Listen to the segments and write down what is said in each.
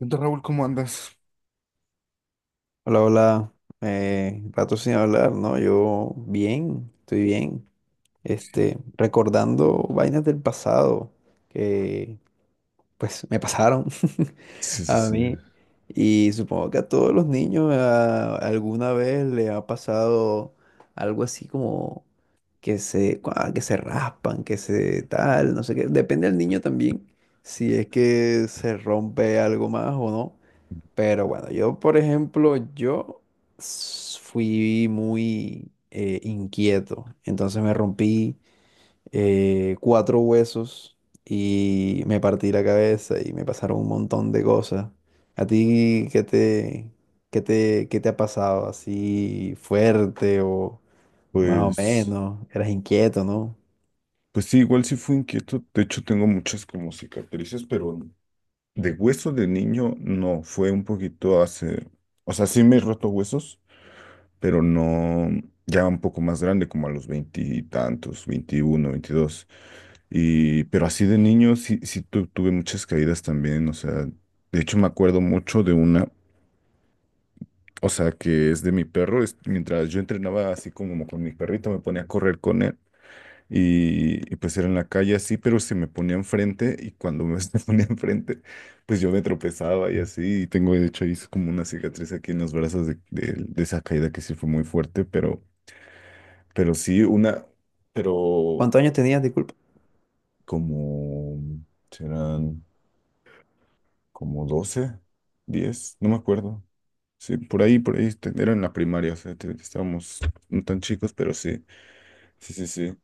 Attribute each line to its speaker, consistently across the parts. Speaker 1: Entonces, Raúl, ¿cómo andas?
Speaker 2: Hola, hola. Rato sin hablar, ¿no? Yo bien, estoy bien. Este, recordando vainas del pasado que pues me pasaron
Speaker 1: Sí, sí,
Speaker 2: a
Speaker 1: sí.
Speaker 2: mí. Y supongo que a todos los niños alguna vez le ha pasado algo así como que se, que se raspan, que se tal, no sé qué. Depende del niño también, si es que se rompe algo más o no. Pero bueno, yo, por ejemplo, fui muy inquieto. Entonces me rompí cuatro huesos y me partí la cabeza y me pasaron un montón de cosas. ¿A ti qué te ha pasado? ¿Así fuerte o más o
Speaker 1: Pues,
Speaker 2: menos? Eras inquieto, ¿no?
Speaker 1: pues sí, igual sí fui inquieto. De hecho, tengo muchas como cicatrices, pero de hueso de niño no. Fue un poquito hace, o sea, sí me he roto huesos, pero no, ya un poco más grande, como a los 20 y tantos, 21, 22. Y, pero así de niño sí, tuve muchas caídas también. O sea, de hecho me acuerdo mucho de una, o sea, que es de mi perro. Mientras yo entrenaba así como con mi perrito, me ponía a correr con él. Pues era en la calle así, pero se me ponía enfrente y cuando me se ponía enfrente, pues yo me tropezaba y así. Y tengo de hecho ahí es como una cicatriz aquí en los brazos de esa caída que sí fue muy fuerte, pero sí una, pero
Speaker 2: ¿Cuántos años tenías?
Speaker 1: como serán como 12 10 no me acuerdo. Sí, por ahí, era en la primaria, o sea, estábamos no tan chicos, pero sí, sí, sí, sí.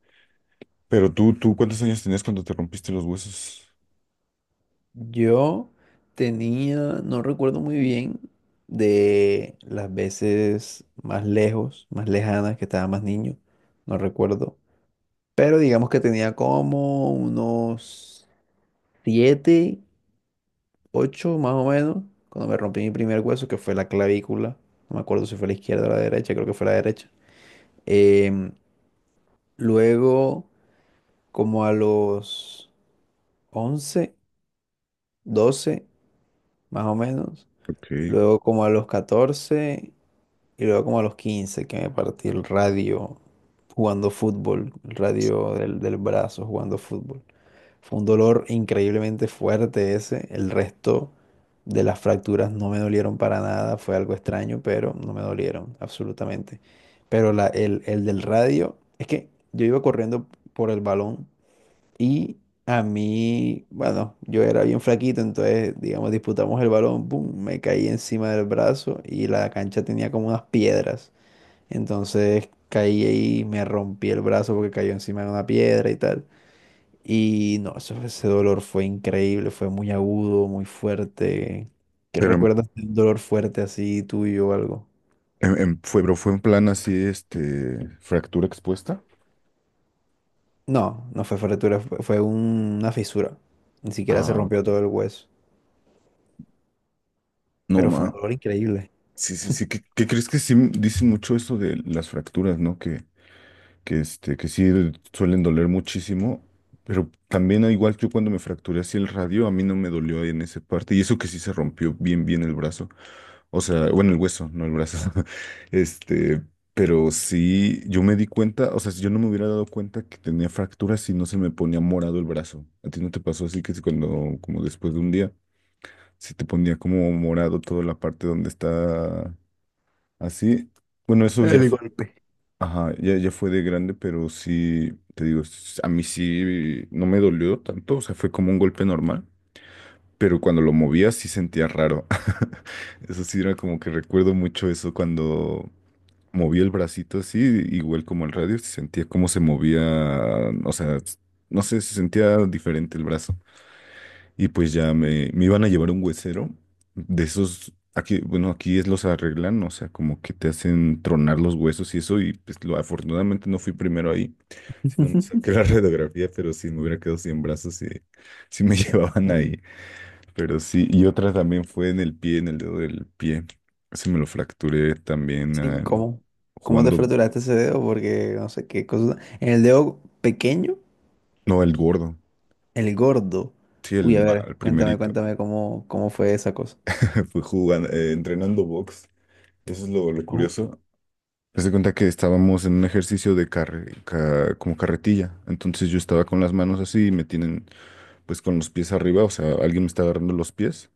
Speaker 1: Pero tú, ¿cuántos años tenías cuando te rompiste los huesos?
Speaker 2: Yo tenía, no recuerdo muy bien de las veces más lejos, más lejanas, que estaba más niño, no recuerdo. Pero digamos que tenía como unos 7, 8 más o menos, cuando me rompí mi primer hueso, que fue la clavícula. No me acuerdo si fue la izquierda o la derecha, creo que fue la derecha. Em, luego, como a los 11, 12, más o menos.
Speaker 1: Ok.
Speaker 2: Luego como a los 14. Y luego como a los 15 que me partí el radio jugando fútbol, el radio del brazo jugando fútbol. Fue un dolor increíblemente fuerte ese. El resto de las fracturas no me dolieron para nada. Fue algo extraño, pero no me dolieron absolutamente. Pero el del radio, es que yo iba corriendo por el balón y a mí, bueno, yo era bien flaquito, entonces, digamos, disputamos el balón, pum, me caí encima del brazo y la cancha tenía como unas piedras. Entonces caí ahí y me rompí el brazo porque cayó encima de una piedra y tal. Y no, ese dolor fue increíble, fue muy agudo, muy fuerte. ¿Qué
Speaker 1: Pero en
Speaker 2: recuerdas de un dolor fuerte así tuyo o algo?
Speaker 1: Fue, pero fue en plan así, este, fractura expuesta.
Speaker 2: No, no fue fractura, fue una fisura. Ni siquiera se
Speaker 1: Ah,
Speaker 2: rompió
Speaker 1: ok.
Speaker 2: todo el hueso,
Speaker 1: No,
Speaker 2: pero fue un
Speaker 1: ma.
Speaker 2: dolor increíble.
Speaker 1: Sí, sí, sí. ¿Qué, qué crees que sí dicen mucho eso de las fracturas, ¿no? Que este, que sí suelen doler muchísimo, pero también al igual que yo cuando me fracturé así el radio, a mí no me dolió en esa parte, y eso que sí se rompió bien, bien el brazo, o sea, bueno, el hueso, no el brazo, este, pero sí, yo me di cuenta, o sea, si yo no me hubiera dado cuenta que tenía fractura si no se me ponía morado el brazo, ¿a ti no te pasó así que si cuando, como después de un día, si te ponía como morado toda la parte donde está así? Bueno, eso ya
Speaker 2: El
Speaker 1: fue.
Speaker 2: golpe.
Speaker 1: Ajá, ya, ya fue de grande, pero sí, te digo, a mí sí no me dolió tanto, o sea, fue como un golpe normal, pero cuando lo movía sí sentía raro. Eso sí era como que recuerdo mucho eso cuando moví el bracito así, igual como el radio, sentía cómo se movía, o sea, no sé, se sentía diferente el brazo. Y pues ya me iban a llevar un huesero de esos, aquí, bueno, aquí es los arreglan, o sea, como que te hacen tronar los huesos y eso, y pues lo, afortunadamente no fui primero ahí, sino me saqué la radiografía, pero sí me hubiera quedado sin brazos y sí me llevaban ahí. Pero sí, y otra también fue en el pie, en el dedo del pie. Se me lo fracturé también,
Speaker 2: Sí,
Speaker 1: ah,
Speaker 2: ¿cómo? ¿Cómo te
Speaker 1: jugando,
Speaker 2: fraturaste ese dedo? Porque no sé qué cosa. ¿En el dedo pequeño,
Speaker 1: no, el gordo,
Speaker 2: el gordo?
Speaker 1: sí, el,
Speaker 2: Uy, a ver,
Speaker 1: el primerito.
Speaker 2: cuéntame cómo fue esa cosa.
Speaker 1: Fue jugando, entrenando box. Eso es lo
Speaker 2: Uh,
Speaker 1: curioso. Haz de cuenta que estábamos en un ejercicio de como carretilla. Entonces yo estaba con las manos así y me tienen pues con los pies arriba, o sea, alguien me está agarrando los pies.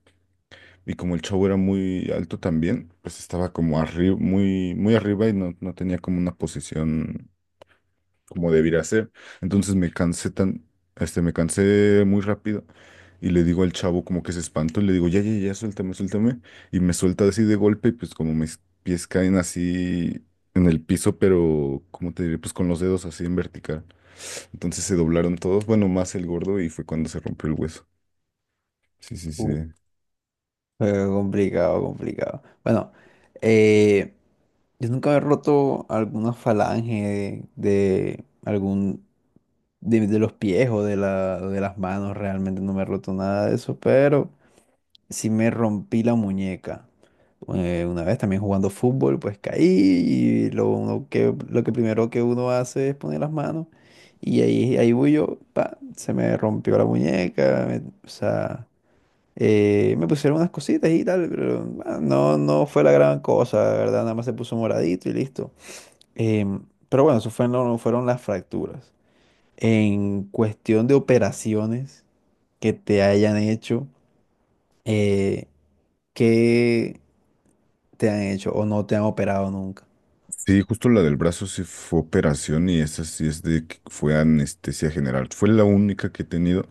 Speaker 1: Y como el chavo era muy alto también, pues estaba como arriba, muy, muy arriba y no, no tenía como una posición como debiera ser. Entonces me cansé tan, este, me cansé muy rápido y le digo al chavo como que se espantó y le digo, ya, ya, ya, suéltame, suéltame. Y me suelta así de golpe y pues como mis pies caen así en el piso, pero cómo te diré, pues con los dedos así en vertical. Entonces se doblaron todos, bueno, más el gordo y fue cuando se rompió el hueso. Sí, sí, sí.
Speaker 2: uh, complicado, complicado. Bueno, eh, yo nunca he roto alguna falange de algún de los pies o de de las manos, realmente no me he roto nada de eso, pero sí me rompí la muñeca. Una vez también jugando fútbol, pues caí y lo, uno que, lo que primero que uno hace es poner las manos y ahí voy yo, pa, se me rompió la muñeca, o sea... me pusieron unas cositas y tal, pero bueno, no fue la gran cosa, la ¿verdad? Nada más se puso moradito y listo. Pero bueno, eso fue, no, fueron las fracturas. En cuestión de operaciones que te hayan hecho, eh, ¿qué te han hecho o no te han operado nunca?
Speaker 1: Sí, justo la del brazo sí fue operación y esa sí es de que fue anestesia general. Fue la única que he tenido.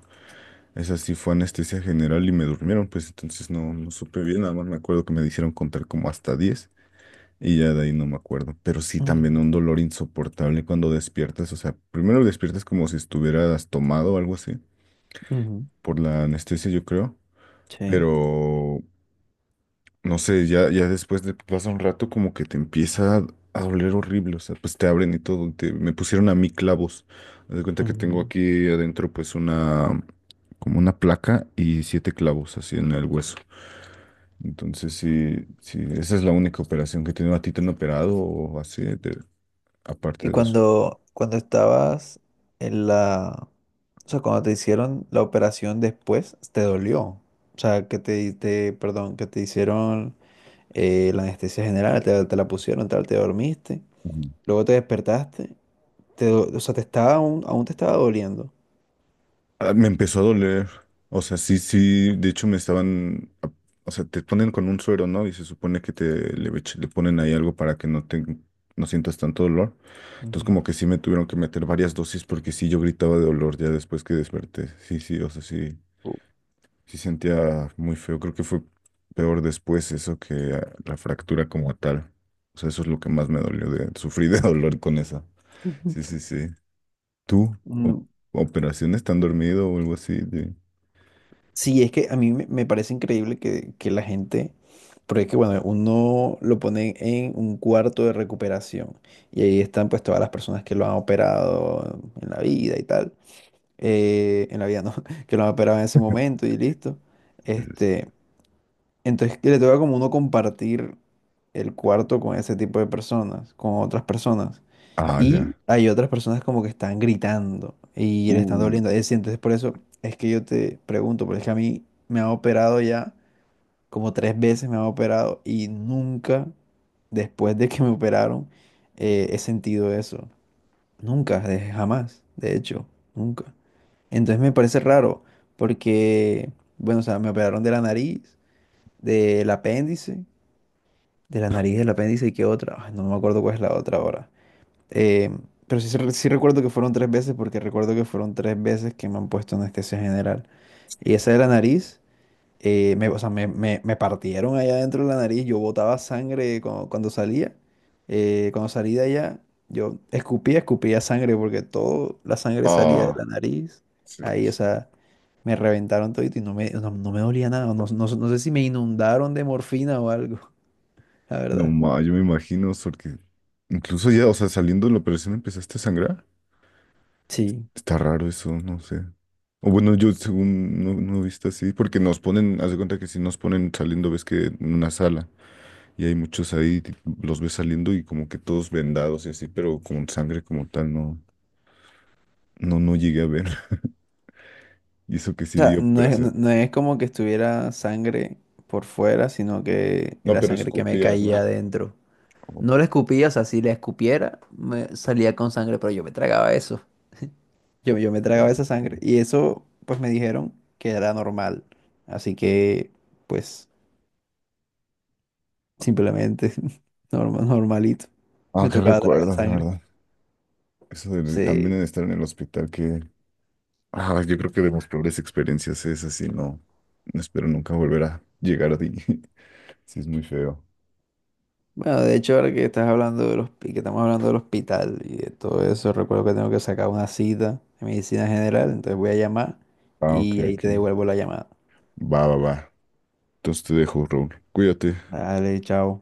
Speaker 1: Esa sí fue anestesia general y me durmieron, pues entonces no, no supe bien, nada más me acuerdo que me dijeron contar como hasta 10 y ya de ahí no me acuerdo, pero sí
Speaker 2: Ujú,
Speaker 1: también un dolor insoportable cuando despiertas, o sea, primero despiertas como si estuvieras tomado o algo así,
Speaker 2: ujú.
Speaker 1: por la anestesia yo creo,
Speaker 2: Sí.
Speaker 1: pero no sé, ya, ya después de pasa un rato como que te empieza a doler horrible, o sea, pues te abren y todo, me pusieron a mí clavos. Haz de cuenta que tengo aquí adentro pues una, como una placa y 7 clavos así en el hueso. Entonces sí, sí, esa es la única operación que tengo. ¿A ti te han operado o así, de- aparte
Speaker 2: Y
Speaker 1: de las...
Speaker 2: cuando estabas en la... O sea, cuando te hicieron la operación después, ¿te dolió? O sea, perdón, que te hicieron la anestesia general, te la pusieron, tal, te dormiste, luego te despertaste, o sea, te estaba aún, aún te estaba doliendo.
Speaker 1: Ah, me empezó a doler. O sea, sí, sí. De hecho, me estaban. A- O sea, te ponen con un suero, ¿no? Y se supone que te le ponen ahí algo para que no te, no sientas tanto dolor. Entonces,
Speaker 2: Ujú.
Speaker 1: como que sí me tuvieron que meter varias dosis porque sí yo gritaba de dolor ya después que desperté. Sí, sí, o sea, sí, sí sentía muy feo. Creo que fue peor después eso que ah, la fractura como tal. O sea, eso es lo que más me dolió de sufrí de dolor con esa. Sí, sí, sí. ¿Tú? O-
Speaker 2: Mm.
Speaker 1: ¿Operaciones? ¿Tan dormido o algo así? De-
Speaker 2: Sí, es que a mí me parece increíble que la gente, porque es que bueno, uno lo pone en un cuarto de recuperación y ahí están pues todas las personas que lo han operado en la vida y tal, en la vida no, que lo han operado en ese momento y listo.
Speaker 1: Sí, sí, sí.
Speaker 2: Este, entonces que le toca como uno compartir el cuarto con ese tipo de personas, con otras personas.
Speaker 1: Ah,
Speaker 2: Y
Speaker 1: ya.
Speaker 2: hay otras personas como que están gritando y le están
Speaker 1: Uh,
Speaker 2: doliendo. Es decir, entonces por eso es que yo te pregunto, porque es que a mí me han operado ya como tres veces me han operado y nunca después de que me operaron he sentido eso. Nunca, jamás, de hecho, nunca. Entonces me parece raro porque, bueno, o sea, me operaron de la nariz, del apéndice, de la nariz, del apéndice y qué otra. Ay, no me acuerdo cuál es la otra ahora. Eh, pero sí, sí recuerdo que fueron tres veces porque recuerdo que fueron tres veces que me han puesto anestesia general. Y esa de la nariz, me, o sea, me- me partieron allá dentro de la nariz, yo botaba sangre cuando salía. Cuando salí de allá, yo escupía, escupía sangre porque toda la sangre salía de
Speaker 1: ah,
Speaker 2: la nariz.
Speaker 1: sí, sí,
Speaker 2: Ahí, o
Speaker 1: sí.
Speaker 2: sea, me reventaron todo y no no me dolía nada. No sé si me inundaron de morfina o algo, la
Speaker 1: No,
Speaker 2: verdad.
Speaker 1: ma, yo me imagino, porque incluso ya, o sea, saliendo de la operación empezaste a sangrar.
Speaker 2: Sí.
Speaker 1: Está raro eso, no sé. O bueno, yo según no, no he visto así, porque nos ponen, haz de cuenta que si nos ponen saliendo, ves que en una sala y hay muchos ahí, los ves saliendo y como que todos vendados y así, pero con sangre como tal, no, no, no llegué a ver. Y eso que sí
Speaker 2: O sea,
Speaker 1: vi operación.
Speaker 2: no es como que estuviera sangre por fuera, sino que
Speaker 1: No,
Speaker 2: era
Speaker 1: pero
Speaker 2: sangre que me
Speaker 1: escupías,
Speaker 2: caía
Speaker 1: ¿no?
Speaker 2: adentro.
Speaker 1: Oh,
Speaker 2: No la escupía, o sea, si la escupiera, me salía con sangre, pero yo me tragaba eso. Yo me tragaba
Speaker 1: ok.
Speaker 2: esa sangre. Y eso, pues me dijeron que era normal. Así que, pues, simplemente, normal, normalito.
Speaker 1: Ah,
Speaker 2: Me
Speaker 1: qué
Speaker 2: tocaba tragar
Speaker 1: recuerdos, la
Speaker 2: sangre.
Speaker 1: verdad. Eso de también
Speaker 2: Sí.
Speaker 1: de estar en el hospital, que ah, yo creo que de mis peores experiencias es así, no, no espero nunca volver a llegar a ti. Sí, es muy feo.
Speaker 2: Bueno, de hecho, ahora que estás hablando de los, que estamos hablando del hospital y de todo eso, recuerdo que tengo que sacar una cita de medicina general, entonces voy a llamar
Speaker 1: Ah, ok,
Speaker 2: y ahí
Speaker 1: ok.
Speaker 2: te devuelvo la llamada.
Speaker 1: Va, va, va. Entonces te dejo, Raúl. Cuídate.
Speaker 2: Dale, chao.